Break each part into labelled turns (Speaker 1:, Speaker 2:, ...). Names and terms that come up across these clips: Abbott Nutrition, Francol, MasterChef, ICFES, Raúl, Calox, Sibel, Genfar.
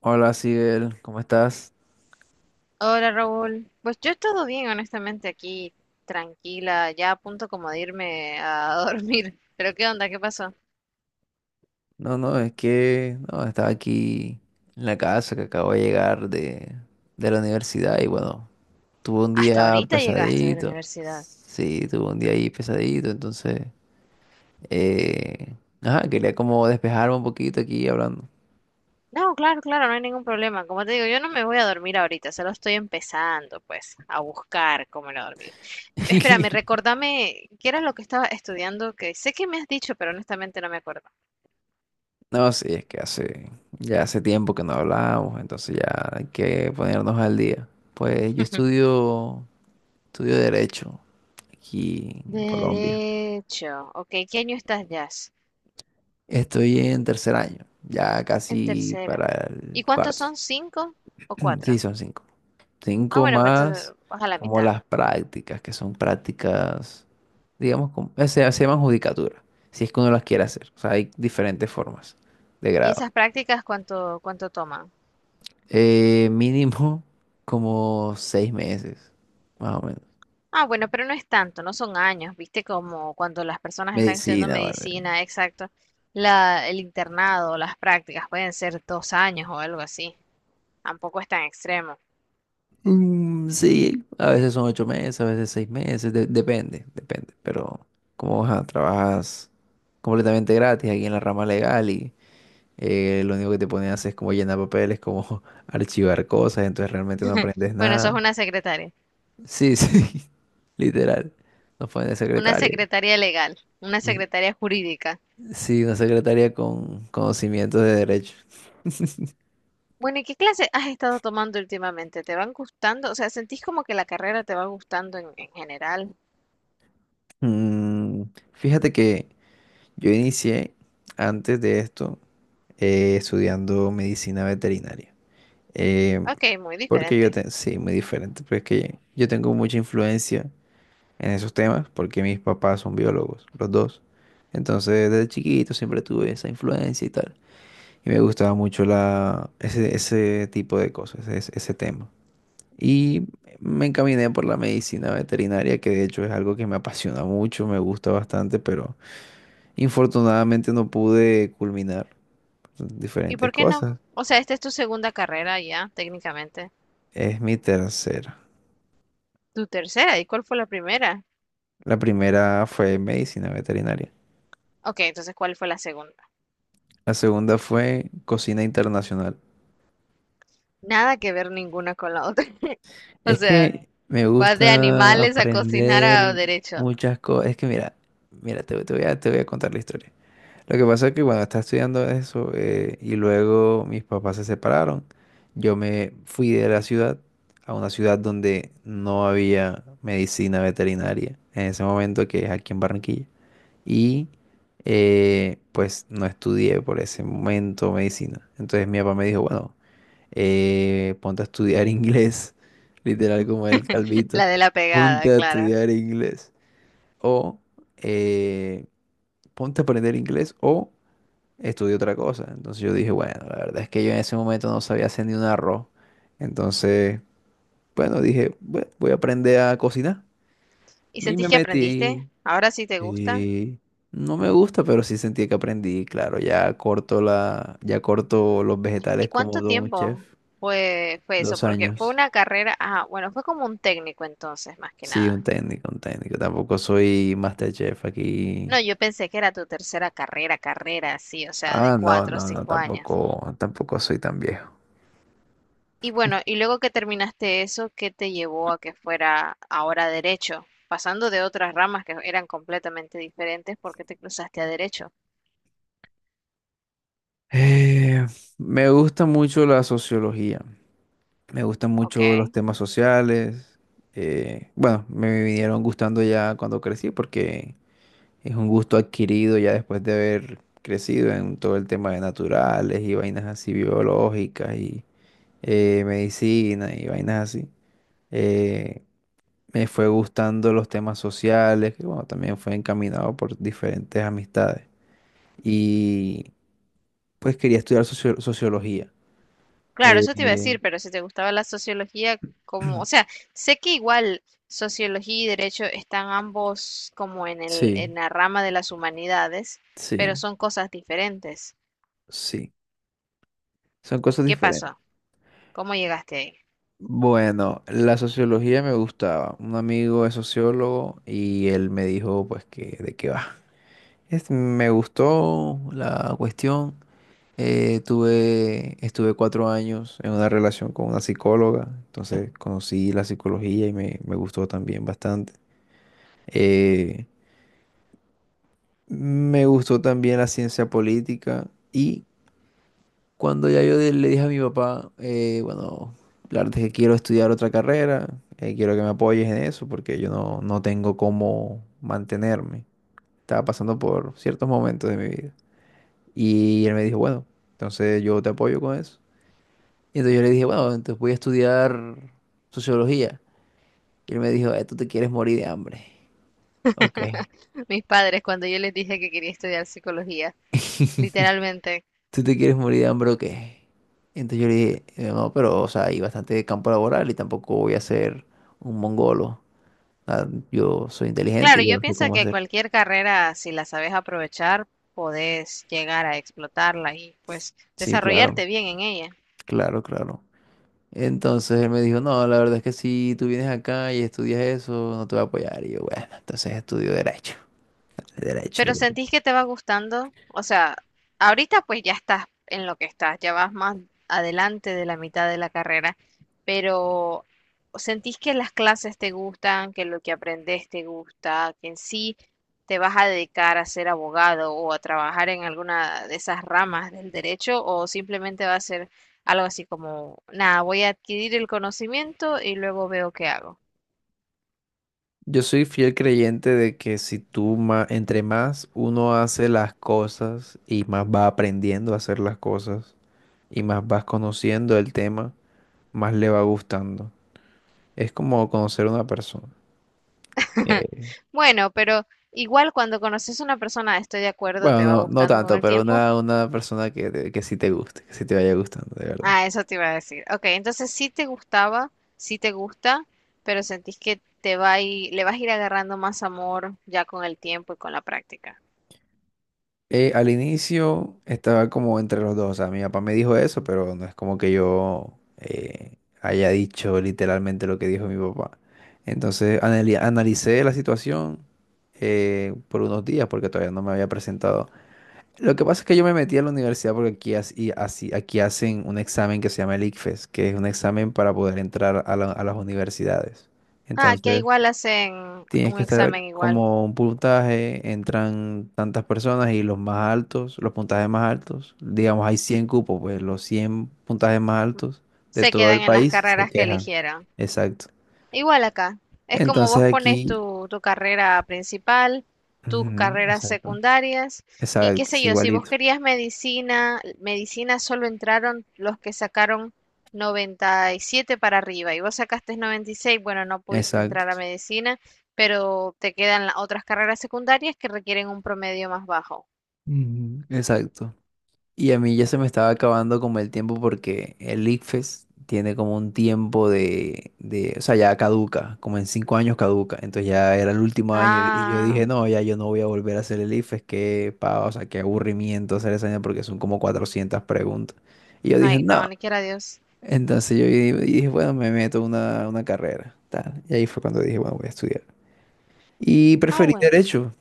Speaker 1: Hola, Sibel, ¿cómo estás?
Speaker 2: Hola Raúl, pues yo he estado bien honestamente aquí, tranquila, ya a punto como de irme a dormir. Pero ¿qué onda? ¿Qué pasó?
Speaker 1: No, no, es que no, estaba aquí en la casa que acabo de llegar de la universidad y bueno, tuve un
Speaker 2: Hasta
Speaker 1: día
Speaker 2: ahorita llegaste de la
Speaker 1: pesadito.
Speaker 2: universidad.
Speaker 1: Sí, tuve un día ahí pesadito, entonces, eh, ajá, quería como despejarme un poquito aquí hablando.
Speaker 2: No, claro, claro, no hay ningún problema. Como te digo, yo no me voy a dormir ahorita, solo estoy empezando pues a buscar cómo no dormir. Espérame, recordame, ¿qué era lo que estaba estudiando? Que sé que me has dicho, pero honestamente no me acuerdo.
Speaker 1: No, sí, es que hace, ya hace tiempo que no hablábamos, entonces ya hay que ponernos al día. Pues yo estudio, estudio derecho aquí en Colombia.
Speaker 2: Derecho, ok, ¿qué año estás ya?
Speaker 1: Estoy en 3.er año, ya
Speaker 2: En
Speaker 1: casi
Speaker 2: tercera.
Speaker 1: para el
Speaker 2: ¿Y cuántos
Speaker 1: cuarto.
Speaker 2: son? ¿Cinco o
Speaker 1: Sí,
Speaker 2: cuatro?
Speaker 1: son 5.
Speaker 2: Ah,
Speaker 1: 5
Speaker 2: bueno, pues entonces,
Speaker 1: más
Speaker 2: vas a la
Speaker 1: como
Speaker 2: mitad.
Speaker 1: las prácticas, que son prácticas, digamos, se llaman judicatura, si es que uno las quiere hacer. O sea, hay diferentes formas de
Speaker 2: ¿Y
Speaker 1: grado.
Speaker 2: esas prácticas cuánto toman?
Speaker 1: Mínimo como 6 meses, más o menos.
Speaker 2: Ah, bueno, pero no es tanto, no son años, ¿viste? Como cuando las personas están estudiando
Speaker 1: Medicina, ¿vale?
Speaker 2: medicina, exacto. La, el internado, las prácticas pueden ser dos años o algo así. Tampoco es tan extremo.
Speaker 1: Mm, sí, a veces son 8 meses, a veces 6 meses, depende, depende. Pero como ajá, trabajas completamente gratis aquí en la rama legal y lo único que te ponen a hacer es como llenar papeles, como archivar cosas, entonces realmente no aprendes
Speaker 2: Bueno, eso es
Speaker 1: nada. Sí, sí, literal. Nos ponen de
Speaker 2: una
Speaker 1: secretaria.
Speaker 2: secretaria legal, una
Speaker 1: Mm,
Speaker 2: secretaria jurídica.
Speaker 1: sí, una secretaria con conocimientos de derecho.
Speaker 2: Bueno, ¿y qué clase has estado tomando últimamente? ¿Te van gustando? O sea, ¿sentís como que la carrera te va gustando en general?
Speaker 1: Mm, fíjate que yo inicié antes de esto estudiando medicina veterinaria. Eh,
Speaker 2: Ok, muy diferente.
Speaker 1: sí, muy diferente, pero es que yo tengo mucha influencia en esos temas porque mis papás son biólogos, los dos. Entonces, desde chiquito siempre tuve esa influencia y tal. Y me gustaba mucho ese tipo de cosas, ese tema. Y me encaminé por la medicina veterinaria, que de hecho es algo que me apasiona mucho, me gusta bastante, pero infortunadamente no pude culminar
Speaker 2: ¿Y
Speaker 1: diferentes
Speaker 2: por qué no?
Speaker 1: cosas.
Speaker 2: O sea, esta es tu segunda carrera ya, técnicamente.
Speaker 1: Es mi tercera.
Speaker 2: Tu tercera, ¿y cuál fue la primera?
Speaker 1: La primera fue medicina veterinaria.
Speaker 2: Ok, entonces, ¿cuál fue la segunda?
Speaker 1: La segunda fue cocina internacional.
Speaker 2: Nada que ver ninguna con la otra. O
Speaker 1: Es
Speaker 2: sea,
Speaker 1: que me
Speaker 2: vas de
Speaker 1: gusta
Speaker 2: animales a cocinar a
Speaker 1: aprender
Speaker 2: derecho.
Speaker 1: muchas cosas. Es que mira, mira, te voy a contar la historia. Lo que pasa es que cuando estaba estudiando eso y luego mis papás se separaron, yo me fui de la ciudad a una ciudad donde no había medicina veterinaria en ese momento, que es aquí en Barranquilla. Y pues no estudié por ese momento medicina. Entonces mi papá me dijo, bueno, ponte a estudiar inglés, literal como el
Speaker 2: La
Speaker 1: calvito,
Speaker 2: de la
Speaker 1: ponte
Speaker 2: pegada,
Speaker 1: a
Speaker 2: claro.
Speaker 1: estudiar inglés o eh, ponte a aprender inglés o estudia otra cosa. Entonces yo dije, bueno, la verdad es que yo en ese momento no sabía hacer ni un arroz. Entonces, bueno, dije, "Bue- voy a aprender a cocinar.
Speaker 2: ¿Y
Speaker 1: Y
Speaker 2: sentís
Speaker 1: me
Speaker 2: que aprendiste?
Speaker 1: metí.
Speaker 2: ¿Ahora sí te gusta?
Speaker 1: Sí, no me gusta, pero sí sentí que aprendí, claro, ya corto ya corto los vegetales
Speaker 2: ¿Y
Speaker 1: como
Speaker 2: cuánto
Speaker 1: de un chef,
Speaker 2: tiempo fue eso?
Speaker 1: dos
Speaker 2: Porque fue
Speaker 1: años.
Speaker 2: una carrera, ah, bueno, fue como un técnico entonces, más que
Speaker 1: Sí, un
Speaker 2: nada.
Speaker 1: técnico, un técnico. Tampoco soy MasterChef aquí.
Speaker 2: No, yo pensé que era tu tercera carrera, sí, o sea, de
Speaker 1: Ah, no,
Speaker 2: cuatro o
Speaker 1: no, no,
Speaker 2: cinco años.
Speaker 1: tampoco, tampoco soy tan viejo.
Speaker 2: Y bueno, y luego que terminaste eso, ¿qué te llevó a que fuera ahora derecho? Pasando de otras ramas que eran completamente diferentes, ¿por qué te cruzaste a derecho?
Speaker 1: Eh, Me gusta mucho la sociología. Me gustan
Speaker 2: Ok.
Speaker 1: mucho los temas sociales. Bueno, me vinieron gustando ya cuando crecí, porque es un gusto adquirido ya después de haber crecido en todo el tema de naturales y vainas así biológicas y medicina y vainas así. Eh, Me fue gustando los temas sociales, que bueno, también fue encaminado por diferentes amistades. Y pues quería estudiar sociología.
Speaker 2: Claro, eso te iba a
Speaker 1: Eh,
Speaker 2: decir, pero si te gustaba la sociología, como, o sea, sé que igual sociología y derecho están ambos como en el, en
Speaker 1: sí,
Speaker 2: la rama de las humanidades, pero
Speaker 1: sí,
Speaker 2: son cosas diferentes.
Speaker 1: sí. Son cosas
Speaker 2: ¿Qué
Speaker 1: diferentes.
Speaker 2: pasó? ¿Cómo llegaste ahí?
Speaker 1: Bueno, la sociología me gustaba. Un amigo es sociólogo y él me dijo pues que de qué va. Me gustó la cuestión. Estuve 4 años en una relación con una psicóloga, entonces conocí la psicología y me gustó también bastante. Eh, Me gustó también la ciencia política. Y cuando ya yo le dije a mi papá, bueno, la verdad es que quiero estudiar otra carrera, quiero que me apoyes en eso porque yo no, no tengo cómo mantenerme. Estaba pasando por ciertos momentos de mi vida. Y él me dijo, bueno, entonces yo te apoyo con eso. Y entonces yo le dije, bueno, entonces voy a estudiar sociología. Y él me dijo, tú te quieres morir de hambre. Ok.
Speaker 2: Mis padres, cuando yo les dije que quería estudiar psicología, literalmente.
Speaker 1: ¿Tú te quieres morir de hambre o qué? Entonces yo le dije, no, pero, o sea, hay bastante campo laboral y tampoco voy a ser un mongolo. Ah, yo soy
Speaker 2: Claro,
Speaker 1: inteligente,
Speaker 2: yo
Speaker 1: yo sé
Speaker 2: pienso
Speaker 1: cómo
Speaker 2: que
Speaker 1: hacer.
Speaker 2: cualquier carrera, si la sabes aprovechar, podés llegar a explotarla y pues
Speaker 1: Sí, claro,
Speaker 2: desarrollarte bien en ella.
Speaker 1: claro, claro. Entonces él me dijo, no, la verdad es que si tú vienes acá y estudias eso, no te voy a apoyar. Y yo, bueno, entonces estudio derecho. Derecho, lo
Speaker 2: Pero
Speaker 1: que tú-".
Speaker 2: sentís que te va gustando, o sea, ahorita pues ya estás en lo que estás, ya vas más adelante de la mitad de la carrera, pero sentís que las clases te gustan, que lo que aprendes te gusta, que en sí te vas a dedicar a ser abogado o a trabajar en alguna de esas ramas del derecho o simplemente va a ser algo así como, nada, voy a adquirir el conocimiento y luego veo qué hago.
Speaker 1: Yo soy fiel creyente de que si tú más uno hace las cosas y más va aprendiendo a hacer las cosas y más vas conociendo el tema, más le va gustando. Es como conocer a una persona. Eh,
Speaker 2: Bueno, pero igual cuando conoces a una persona, estoy de acuerdo,
Speaker 1: Bueno,
Speaker 2: te va
Speaker 1: no, no
Speaker 2: gustando con
Speaker 1: tanto,
Speaker 2: el
Speaker 1: pero
Speaker 2: tiempo.
Speaker 1: una persona que, que sí te guste, que sí te vaya gustando, de verdad.
Speaker 2: Ah, eso te iba a decir. Ok, entonces sí te gustaba, sí te gusta, pero sentís que te va a ir- le vas a ir agarrando más amor ya con el tiempo y con la práctica.
Speaker 1: Al inicio estaba como entre los dos, o sea, mi papá me dijo eso, pero no es como que yo haya dicho literalmente lo que dijo mi papá. Entonces analicé la situación por unos días porque todavía no me había presentado. Lo que pasa es que yo me metí a la universidad porque aquí, aquí hacen un examen que se llama el ICFES, que es un examen para poder entrar a a las universidades.
Speaker 2: Ah, que
Speaker 1: Entonces...
Speaker 2: igual hacen
Speaker 1: Tienes
Speaker 2: un
Speaker 1: que estar
Speaker 2: examen igual.
Speaker 1: como un puntaje, entran tantas personas y los más altos, los puntajes más altos, digamos hay 100 cupos, pues los 100 puntajes más altos de
Speaker 2: Se
Speaker 1: todo
Speaker 2: quedan
Speaker 1: el
Speaker 2: en las
Speaker 1: país se
Speaker 2: carreras que
Speaker 1: quejan.
Speaker 2: eligieron.
Speaker 1: Exacto.
Speaker 2: Igual acá, es como
Speaker 1: Entonces
Speaker 2: vos pones
Speaker 1: aquí,
Speaker 2: tu, tu carrera principal, tus
Speaker 1: ujú,
Speaker 2: carreras
Speaker 1: exacto,
Speaker 2: secundarias y qué
Speaker 1: exacto,
Speaker 2: sé
Speaker 1: es
Speaker 2: yo, si vos
Speaker 1: igualito,
Speaker 2: querías medicina, medicina solo entraron los que sacaron 97 para arriba y vos sacaste 96, bueno, no pudiste
Speaker 1: exacto,
Speaker 2: entrar a medicina, pero te quedan las otras carreras secundarias que requieren un promedio más bajo.
Speaker 1: ujú, exacto. Y a mí ya se me estaba acabando como el tiempo, porque el ICFES tiene como un tiempo o sea, ya caduca, como en 5 años caduca. Entonces ya era el último año y yo
Speaker 2: Ah,
Speaker 1: dije, no, ya yo no voy a volver a hacer el ICFES, qué pava, o sea, qué aburrimiento hacer esa vaina porque son como 400 preguntas. Y yo dije,
Speaker 2: ay, no,
Speaker 1: no.
Speaker 2: ni quiera Dios.
Speaker 1: Entonces yo dije, bueno, me meto a una carrera, tal. Y ahí fue cuando dije, bueno, voy a estudiar. Y
Speaker 2: Ah,
Speaker 1: preferí
Speaker 2: bueno.
Speaker 1: derecho.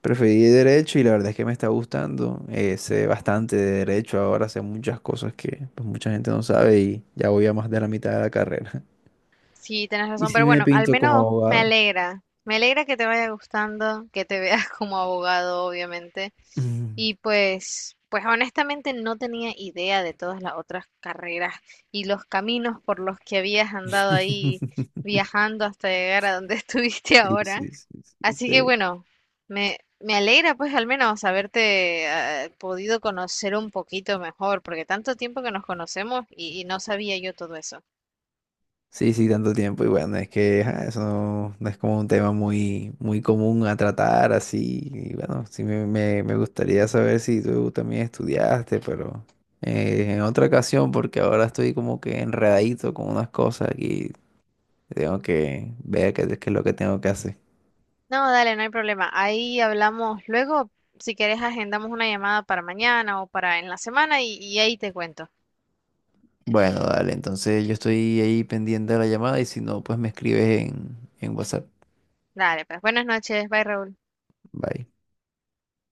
Speaker 1: Preferí derecho y la verdad es que me está gustando. Sé bastante de derecho ahora, sé muchas cosas que pues, mucha gente no sabe, y ya voy a más de la mitad de la carrera.
Speaker 2: Sí, tenés
Speaker 1: Y
Speaker 2: razón,
Speaker 1: sí
Speaker 2: pero
Speaker 1: me
Speaker 2: bueno, al
Speaker 1: pinto como
Speaker 2: menos me
Speaker 1: abogado.
Speaker 2: alegra. Me alegra que te vaya gustando, que te veas como abogado, obviamente.
Speaker 1: Ujú.
Speaker 2: Y pues, pues honestamente no tenía idea de todas las otras carreras y los caminos por los que habías andado ahí viajando hasta llegar a donde estuviste
Speaker 1: Sí,
Speaker 2: ahora.
Speaker 1: sí, sí, sí,
Speaker 2: Así que
Speaker 1: sí.
Speaker 2: bueno, me alegra pues al menos haberte podido conocer un poquito mejor, porque tanto tiempo que nos conocemos y no sabía yo todo eso.
Speaker 1: Sí, sí, tanto tiempo. Y bueno, es que ajá, eso no, no es como un tema muy, muy común a tratar así. Y bueno, sí me gustaría saber si tú también estudiaste, pero en otra ocasión, porque ahora estoy como que enredadito con unas cosas aquí. Tengo que ver qué, qué es lo que tengo que hacer.
Speaker 2: No, dale, no hay problema. Ahí hablamos luego. Si quieres, agendamos una llamada para mañana o para en la semana y ahí te cuento.
Speaker 1: Bueno, dale, entonces yo estoy ahí pendiente de la llamada y si no, pues me escribes en WhatsApp.
Speaker 2: Dale, pues buenas noches. Bye, Raúl.
Speaker 1: Bye.